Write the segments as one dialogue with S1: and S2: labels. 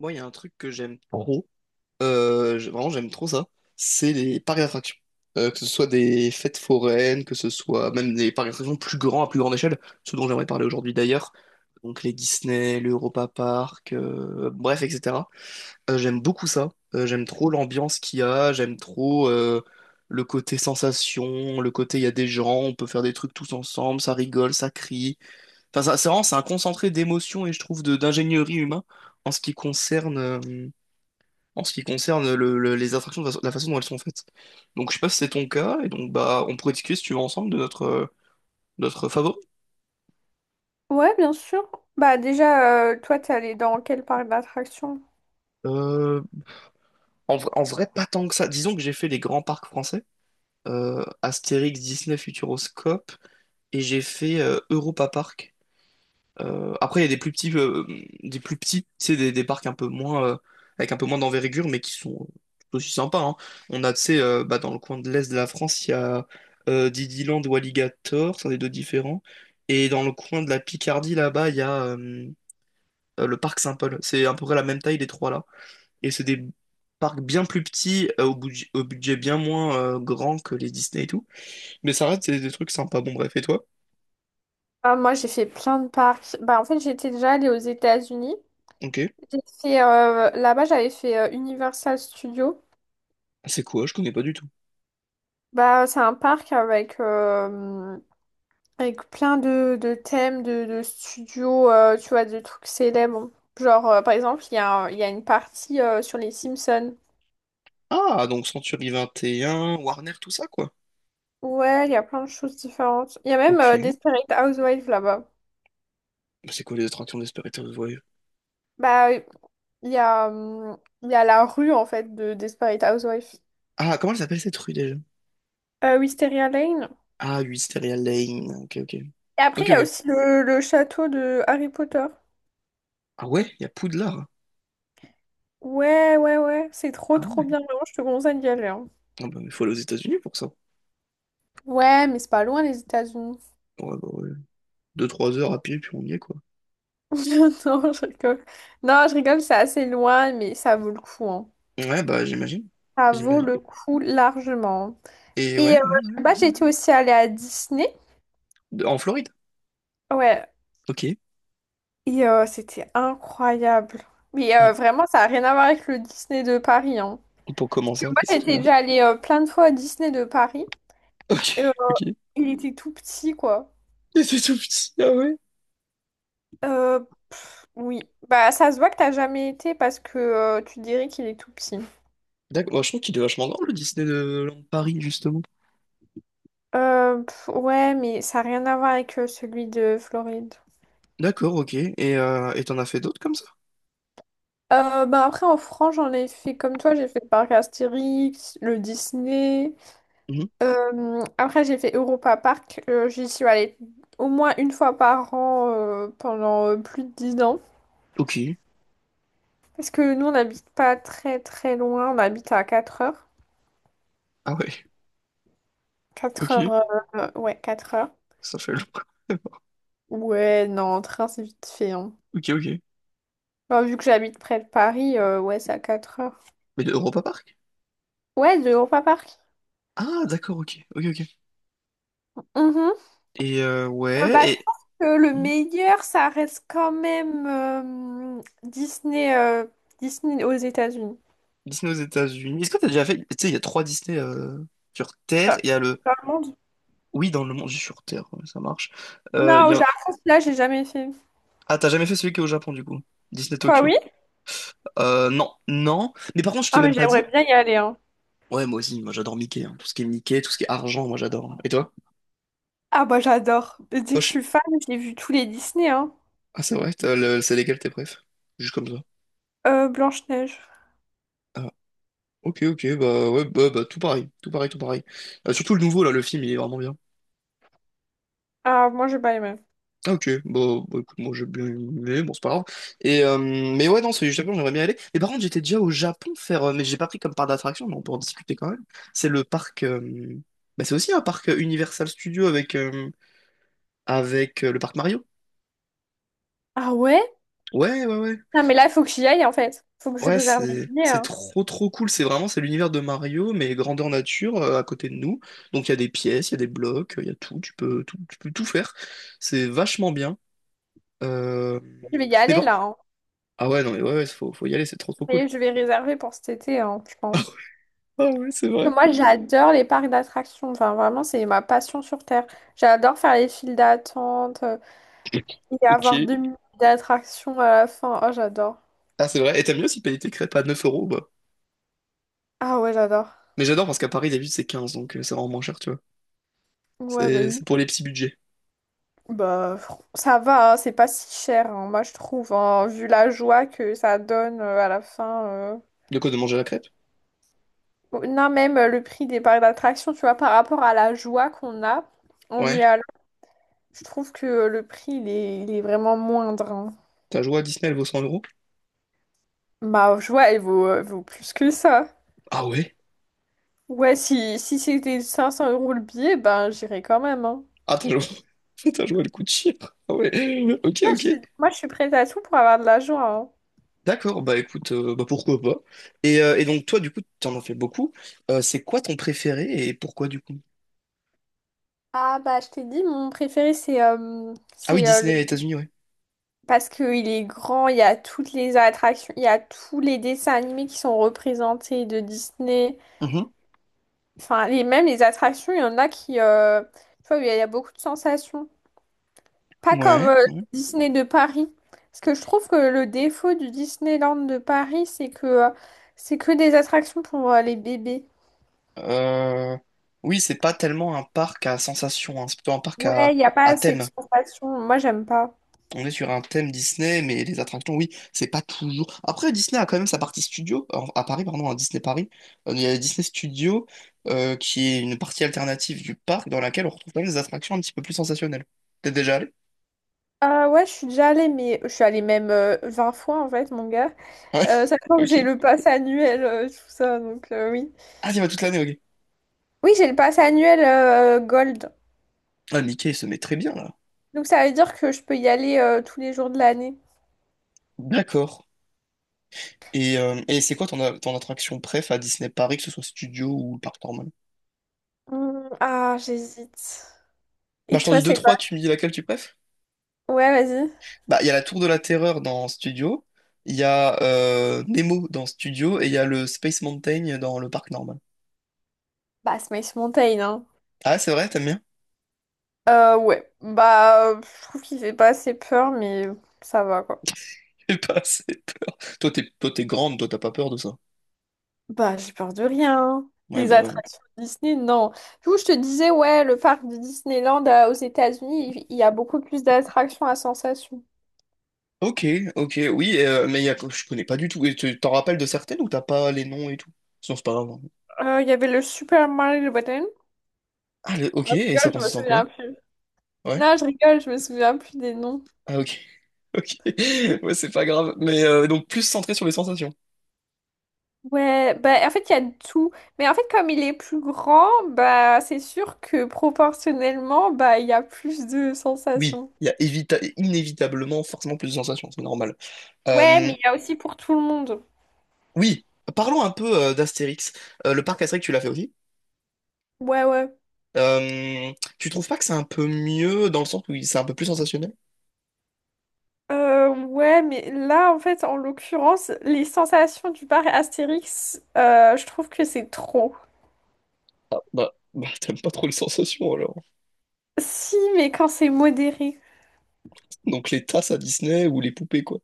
S1: Moi, il y a un truc que j'aime trop, vraiment j'aime trop ça, c'est les parcs d'attractions. Que ce soit des fêtes foraines, que ce soit même des parcs d'attractions plus grands, à plus grande échelle, ce dont j'aimerais parler aujourd'hui d'ailleurs, donc les Disney, l'Europa Park, bref, etc. J'aime beaucoup ça, j'aime trop l'ambiance qu'il y a, j'aime trop le côté sensation, le côté il y a des gens, on peut faire des trucs tous ensemble, ça rigole, ça crie. Enfin, c'est vraiment, c'est un concentré d'émotions et je trouve de d'ingénierie humain en ce qui concerne... euh, en ce qui concerne les attractions, de la façon dont elles sont faites. Donc je sais pas si c'est ton cas, et donc bah on pourrait discuter si tu veux ensemble de notre favori.
S2: Ouais, bien sûr. Bah déjà, toi, t'es allée dans quel parc d'attractions?
S1: Euh, en vrai, pas tant que ça. Disons que j'ai fait les grands parcs français, Astérix, Disney, Futuroscope, et j'ai fait Europa Park. Après, il y a des plus petits, c'est des parcs un peu moins, avec un peu moins d'envergure, mais qui sont tout aussi sympas, hein. On a, tu sais, bah, dans le coin de l'est de la France, il y a Didyland ou Alligator, c'est des deux différents. Et dans le coin de la Picardie, là-bas, il y a le parc Saint-Paul. C'est à peu près la même taille, les trois là. Et c'est des parcs bien plus petits, au budget bien moins grand que les Disney et tout. Mais ça reste des trucs sympas. Bon, bref, et toi?
S2: Ah, moi, j'ai fait plein de parcs. Bah, en fait, j'étais déjà allée aux États-Unis.
S1: Ok.
S2: J'ai fait, là-bas, j'avais fait Universal Studios.
S1: C'est quoi? Je connais pas du tout.
S2: Bah, c'est un parc avec plein de thèmes, de studios, tu vois, de trucs célèbres. Genre, par exemple, il y a une partie sur les Simpsons.
S1: Ah, donc Century 21, Warner, tout ça, quoi.
S2: Ouais, il y a plein de choses différentes. Il y a même
S1: Ok.
S2: Desperate Housewives là-bas.
S1: Bah, c'est quoi les attractions d'Esperitus Voyage?
S2: Bah, Il y a, hum, il y a la rue, en fait, de Desperate Housewives.
S1: Ah, comment elle s'appelle cette rue déjà?
S2: Wisteria Lane.
S1: Ah, Wisteria Lane. Ok, ok.
S2: Et après,
S1: Ok,
S2: il y a
S1: ok.
S2: aussi le château de Harry Potter.
S1: Ah ouais, il y a Poudlard.
S2: Ouais, ouais, ouais. C'est trop,
S1: Ah
S2: trop
S1: ouais.
S2: bien. Vraiment, je te conseille d'y aller, hein.
S1: Ah bah, il faut aller aux États-Unis pour ça.
S2: Ouais, mais c'est pas loin, les États-Unis.
S1: Ouais, bah, ouais. Deux, trois heures à pied, puis on y est, quoi.
S2: Non, je rigole. Non, je rigole, c'est assez loin, mais ça vaut le coup, hein.
S1: Ouais, bah, j'imagine.
S2: Ça vaut
S1: J'imagine.
S2: le coup largement.
S1: Et
S2: Et
S1: ouais, ouais.
S2: là-bas, j'étais aussi allée à Disney.
S1: En Floride.
S2: Ouais.
S1: Ok. Et
S2: Et c'était incroyable. Mais vraiment, ça n'a rien à voir avec le Disney de Paris, hein.
S1: pour comment ça,
S2: Moi,
S1: qu'est-ce qu'il
S2: j'étais
S1: a?
S2: déjà allée plein de fois à Disney de Paris.
S1: Ok,
S2: Et,
S1: ok.
S2: il était tout petit, quoi.
S1: Et c'est tout petit, ah ouais.
S2: Euh, oui. Bah, ça se voit que t'as jamais été parce que tu dirais qu'il est tout petit.
S1: D'accord, bah, je trouve qu'il est vachement grand, le Disneyland Paris, justement.
S2: Ouais, mais ça n'a rien à voir avec celui de Floride.
S1: D'accord, ok. Et t'en as fait d'autres comme ça?
S2: Bah après, en France, j'en ai fait comme toi. J'ai fait le parc Astérix, le Disney.
S1: Mhm.
S2: Après, j'ai fait Europa Park. J'y suis allée au moins une fois par an, pendant plus de 10 ans.
S1: Ok.
S2: Parce que nous, on n'habite pas très très loin, on habite à 4 heures.
S1: Ah ouais,
S2: quatre
S1: ok.
S2: heures, ouais, 4 heures.
S1: Ça fait longtemps.
S2: Ouais, non, en train, c'est vite fait, hein.
S1: Ok, ok.
S2: Bah, vu que j'habite près de Paris, ouais, c'est à 4 heures.
S1: Mais de Europa Park?
S2: Ouais, de Europa Park.
S1: Ah, d'accord, ok. Ok, ok.
S2: Mhm.
S1: Et ouais,
S2: Bah, je pense que le
S1: Mhm.
S2: meilleur, ça reste quand même Disney aux États-Unis.
S1: Disney aux États-Unis. Est-ce que t'as déjà fait. Tu sais, il y a trois Disney sur Terre.
S2: Dans
S1: Il y a le.
S2: dans le monde.
S1: Oui, dans le monde, je sur Terre, ouais, ça marche.
S2: Non,
S1: Il y
S2: au
S1: a
S2: Japon, là, j'ai jamais fait.
S1: Ah, t'as jamais fait celui qui est au Japon, du coup? Disney
S2: Toi,
S1: Tokyo.
S2: oui?
S1: Non, non. Mais par contre, je t'ai
S2: Ah, mais
S1: même pas
S2: j'aimerais
S1: dit.
S2: bien y aller, hein.
S1: Ouais, moi aussi, moi j'adore Mickey, hein. Tout ce qui est Mickey, tout ce qui est argent, moi j'adore. Et toi?
S2: Ah, bah, j'adore. Dès que je
S1: Toi,
S2: suis fan, j'ai vu tous les Disney, hein.
S1: Ah, c'est vrai, c'est légal tes préf. Juste comme ça.
S2: Blanche-Neige.
S1: Ah, ok, ok, bah ouais, bah, bah, tout pareil, tout pareil, tout pareil. Surtout le nouveau, là, le film, il est vraiment bien.
S2: Ah, moi, j'ai pas aimé.
S1: Ah, ok, bah, bah, écoute, moi j'ai bien aimé, bon, c'est pas grave. Et, mais ouais, non, c'est du Japon, j'aimerais bien y aller. Mais par contre, j'étais déjà au Japon faire, mais j'ai pas pris comme parc d'attraction, mais on peut en discuter quand même. C'est le parc, bah, c'est aussi un parc Universal Studio avec le parc Mario.
S2: Ah ouais?
S1: Ouais, ouais, ouais,
S2: Non, mais là, il faut que j'y aille, en fait. Faut que je
S1: ouais,
S2: réserve mes
S1: c'est
S2: billets,
S1: c'est
S2: hein.
S1: trop trop cool. C'est l'univers de Mario, mais grandeur nature à côté de nous. Donc il y a des pièces, il y a des blocs, il y a tout. Tu peux tout faire. C'est vachement bien. Euh...
S2: Je vais y
S1: Mais
S2: aller,
S1: bon.
S2: là, hein.
S1: Ah ouais, non mais ouais, ouais, faut y aller. C'est trop trop cool.
S2: Mais je vais réserver pour cet été, hein, je pense.
S1: Ah ouais, c'est vrai.
S2: Parce que moi, j'adore les parcs d'attractions. Enfin, vraiment, c'est ma passion sur Terre. J'adore faire les files d'attente, et avoir
S1: Ok.
S2: 2 minutes d'attraction à la fin. Oh, j'adore.
S1: Ah c'est vrai. Et t'aimes mieux aussi payer tes crêpes à 9 euros, bah.
S2: Ah ouais, j'adore.
S1: Mais j'adore parce qu'à Paris d'habitude c'est 15 donc c'est vraiment moins cher, tu vois.
S2: Ouais, bah
S1: C'est
S2: oui.
S1: c'est pour les petits budgets.
S2: Bah, ça va, hein, c'est pas si cher, hein, moi, je trouve, hein, vu la joie que ça donne à la fin.
S1: De quoi de manger la crêpe?
S2: Non, même le prix des parcs d'attraction, tu vois, par rapport à la joie qu'on a en y
S1: Ouais.
S2: allant, je trouve que le prix, il est vraiment moindre, hein.
S1: T'as joué à Disney, elle vaut 100 euros?
S2: Ma joie, elle vaut plus que ça.
S1: Ah ouais?
S2: Ouais, si c'était 500 euros le billet, ben j'irais quand même, hein.
S1: Ah, t'as joué... t'as joué le coup de chire. Ah ouais. Ok, ok.
S2: Moi, je suis prête à tout pour avoir de la joie, hein.
S1: D'accord, bah écoute, bah pourquoi pas. Et donc toi, du coup, t'en as fait beaucoup. C'est quoi ton préféré et pourquoi du coup?
S2: Ah, bah, je t'ai dit, mon préféré, c'est euh,
S1: Ah oui,
S2: c'est euh,
S1: Disney
S2: le-
S1: États-Unis, ouais.
S2: parce qu'il est grand, il y a toutes les attractions, il y a tous les dessins animés qui sont représentés de Disney.
S1: Mhm.
S2: Enfin, même les attractions, il y en a qui, tu vois, il y a beaucoup de sensations. Pas comme
S1: Ouais, ouais.
S2: Disney de Paris. Parce que je trouve que le défaut du Disneyland de Paris, c'est que des attractions pour les bébés.
S1: Euh, Oui, c'est pas tellement un parc à sensation, hein. C'est plutôt un parc à,
S2: Ouais, il n'y a pas
S1: à
S2: assez de
S1: thème.
S2: sensations. Moi, j'aime pas.
S1: On est sur un thème Disney, mais les attractions, oui, c'est pas toujours. Après, Disney a quand même sa partie studio, à Paris, pardon, à Disney Paris. Il y a Disney Studio, qui est une partie alternative du parc dans laquelle on retrouve quand même des attractions un petit peu plus sensationnelles. T'es déjà allé?
S2: Ouais, je suis déjà allée, mais je suis allée même 20 fois en fait, mon gars.
S1: Ouais,
S2: Sachant que
S1: ok.
S2: j'ai le pass annuel, tout ça, donc oui.
S1: Ah, t'y vas toute l'année, ok.
S2: Oui, j'ai le pass annuel Gold.
S1: Ah, Mickey, il se met très bien là.
S2: Donc ça veut dire que je peux y aller tous les jours de l'année.
S1: D'accord. Et c'est quoi ton attraction préf à Disney Paris, que ce soit studio ou le parc normal?
S2: Hmm, ah, j'hésite.
S1: Bah,
S2: Et
S1: je t'en
S2: toi,
S1: dis deux,
S2: c'est quoi?
S1: trois, tu me dis laquelle tu préfères?
S2: Ouais, vas-y.
S1: Bah, il y a la Tour de la Terreur dans Studio, il y a Nemo dans Studio et il y a le Space Mountain dans le parc normal.
S2: Bah, Smash Mountain, hein.
S1: Ah, c'est vrai, t'aimes bien?
S2: Ouais. Bah, je trouve qu'il fait pas assez peur, mais ça va, quoi.
S1: J'ai pas assez peur. Toi, t'es grande, toi, t'as pas peur de ça.
S2: Bah, j'ai peur de rien, hein.
S1: Ouais,
S2: Des
S1: bah ouais.
S2: attractions Disney, non. Du coup, je te disais, ouais, le parc de Disneyland, aux États-Unis, il y a beaucoup plus d'attractions à sensation.
S1: Ok, ok, oui, mais je connais pas du tout. Et tu t'en rappelles de certaines ou t'as pas les noms et tout? Sinon, c'est pas grave, hein.
S2: Il y avait le Super Mario Button.
S1: Ah, ok,
S2: Non,
S1: et
S2: je
S1: ça
S2: rigole, je me
S1: consiste en quoi?
S2: souviens plus.
S1: Ouais.
S2: Non, je rigole, je me souviens plus des noms.
S1: Ah, ok. Ok. Ouais, c'est pas grave. Mais donc, plus centré sur les sensations.
S2: Ouais, bah en fait, il y a de tout. Mais en fait, comme il est plus grand, bah c'est sûr que proportionnellement, bah il y a plus de
S1: Oui,
S2: sensations.
S1: il y a inévitablement forcément plus de sensations, c'est normal.
S2: Ouais,
S1: Euh,
S2: mais il y a aussi pour tout le monde.
S1: Oui, parlons un peu d'Astérix. Le parc Astérix, tu l'as fait aussi.
S2: Ouais, ouais.
S1: Euh, tu trouves pas que c'est un peu mieux dans le sens où c'est un peu plus sensationnel?
S2: Ouais, mais là, en fait, en l'occurrence, les sensations du bar Astérix, je trouve que c'est trop.
S1: Ah, bah, bah, t'aimes pas trop les sensations alors.
S2: Si, mais quand c'est modéré.
S1: Donc les tasses à Disney ou les poupées quoi.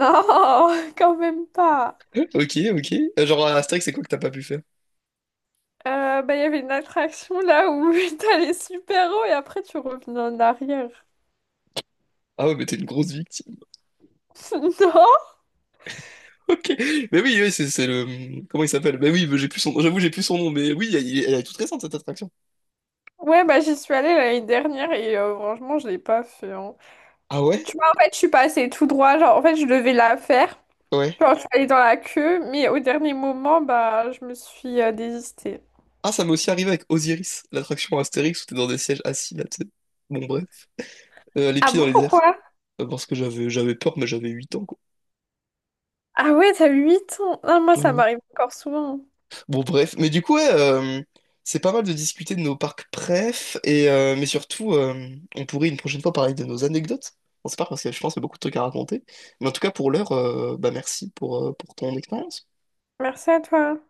S2: Non, quand même pas.
S1: Ok, ok. Genre à Astérix, c'est quoi que t'as pas pu faire?
S2: Bah, il y avait une attraction là où t'allais super haut et après tu revenais en arrière.
S1: Ah ouais, mais t'es une grosse victime.
S2: Non.
S1: Ok. Mais oui, oui, c'est le. Comment il s'appelle? Mais oui, mais j'ai plus son nom. J'avoue, j'ai plus son nom. Mais oui, elle est toute récente cette attraction.
S2: Ouais, bah j'y suis allée l'année dernière et franchement, je l'ai pas fait, hein.
S1: Ah ouais?
S2: Tu vois, en fait, je suis passée tout droit. Genre, en fait, je devais la faire.
S1: Ouais.
S2: Genre, je suis allée dans la queue, mais au dernier moment, bah, je me suis désistée.
S1: Ah, ça m'est aussi arrivé avec Osiris, l'attraction Astérix où t'es dans des sièges assis là, tu sais. Bon, bref. Les
S2: Ah
S1: pieds dans
S2: bon,
S1: les airs.
S2: pourquoi?
S1: Parce que j'avais peur, mais j'avais 8 ans, quoi.
S2: Ah ouais, t'as 8 ans. Ah, moi,
S1: Ouais,
S2: ça
S1: ouais.
S2: m'arrive encore souvent.
S1: Bon, bref. Mais du coup, ouais, c'est pas mal de discuter de nos parcs préf, et, mais surtout, on pourrait une prochaine fois parler de nos anecdotes. On sait pas, parce que je pense qu'il y a beaucoup de trucs à raconter. Mais en tout cas, pour l'heure, bah, merci pour ton expérience.
S2: Merci à toi.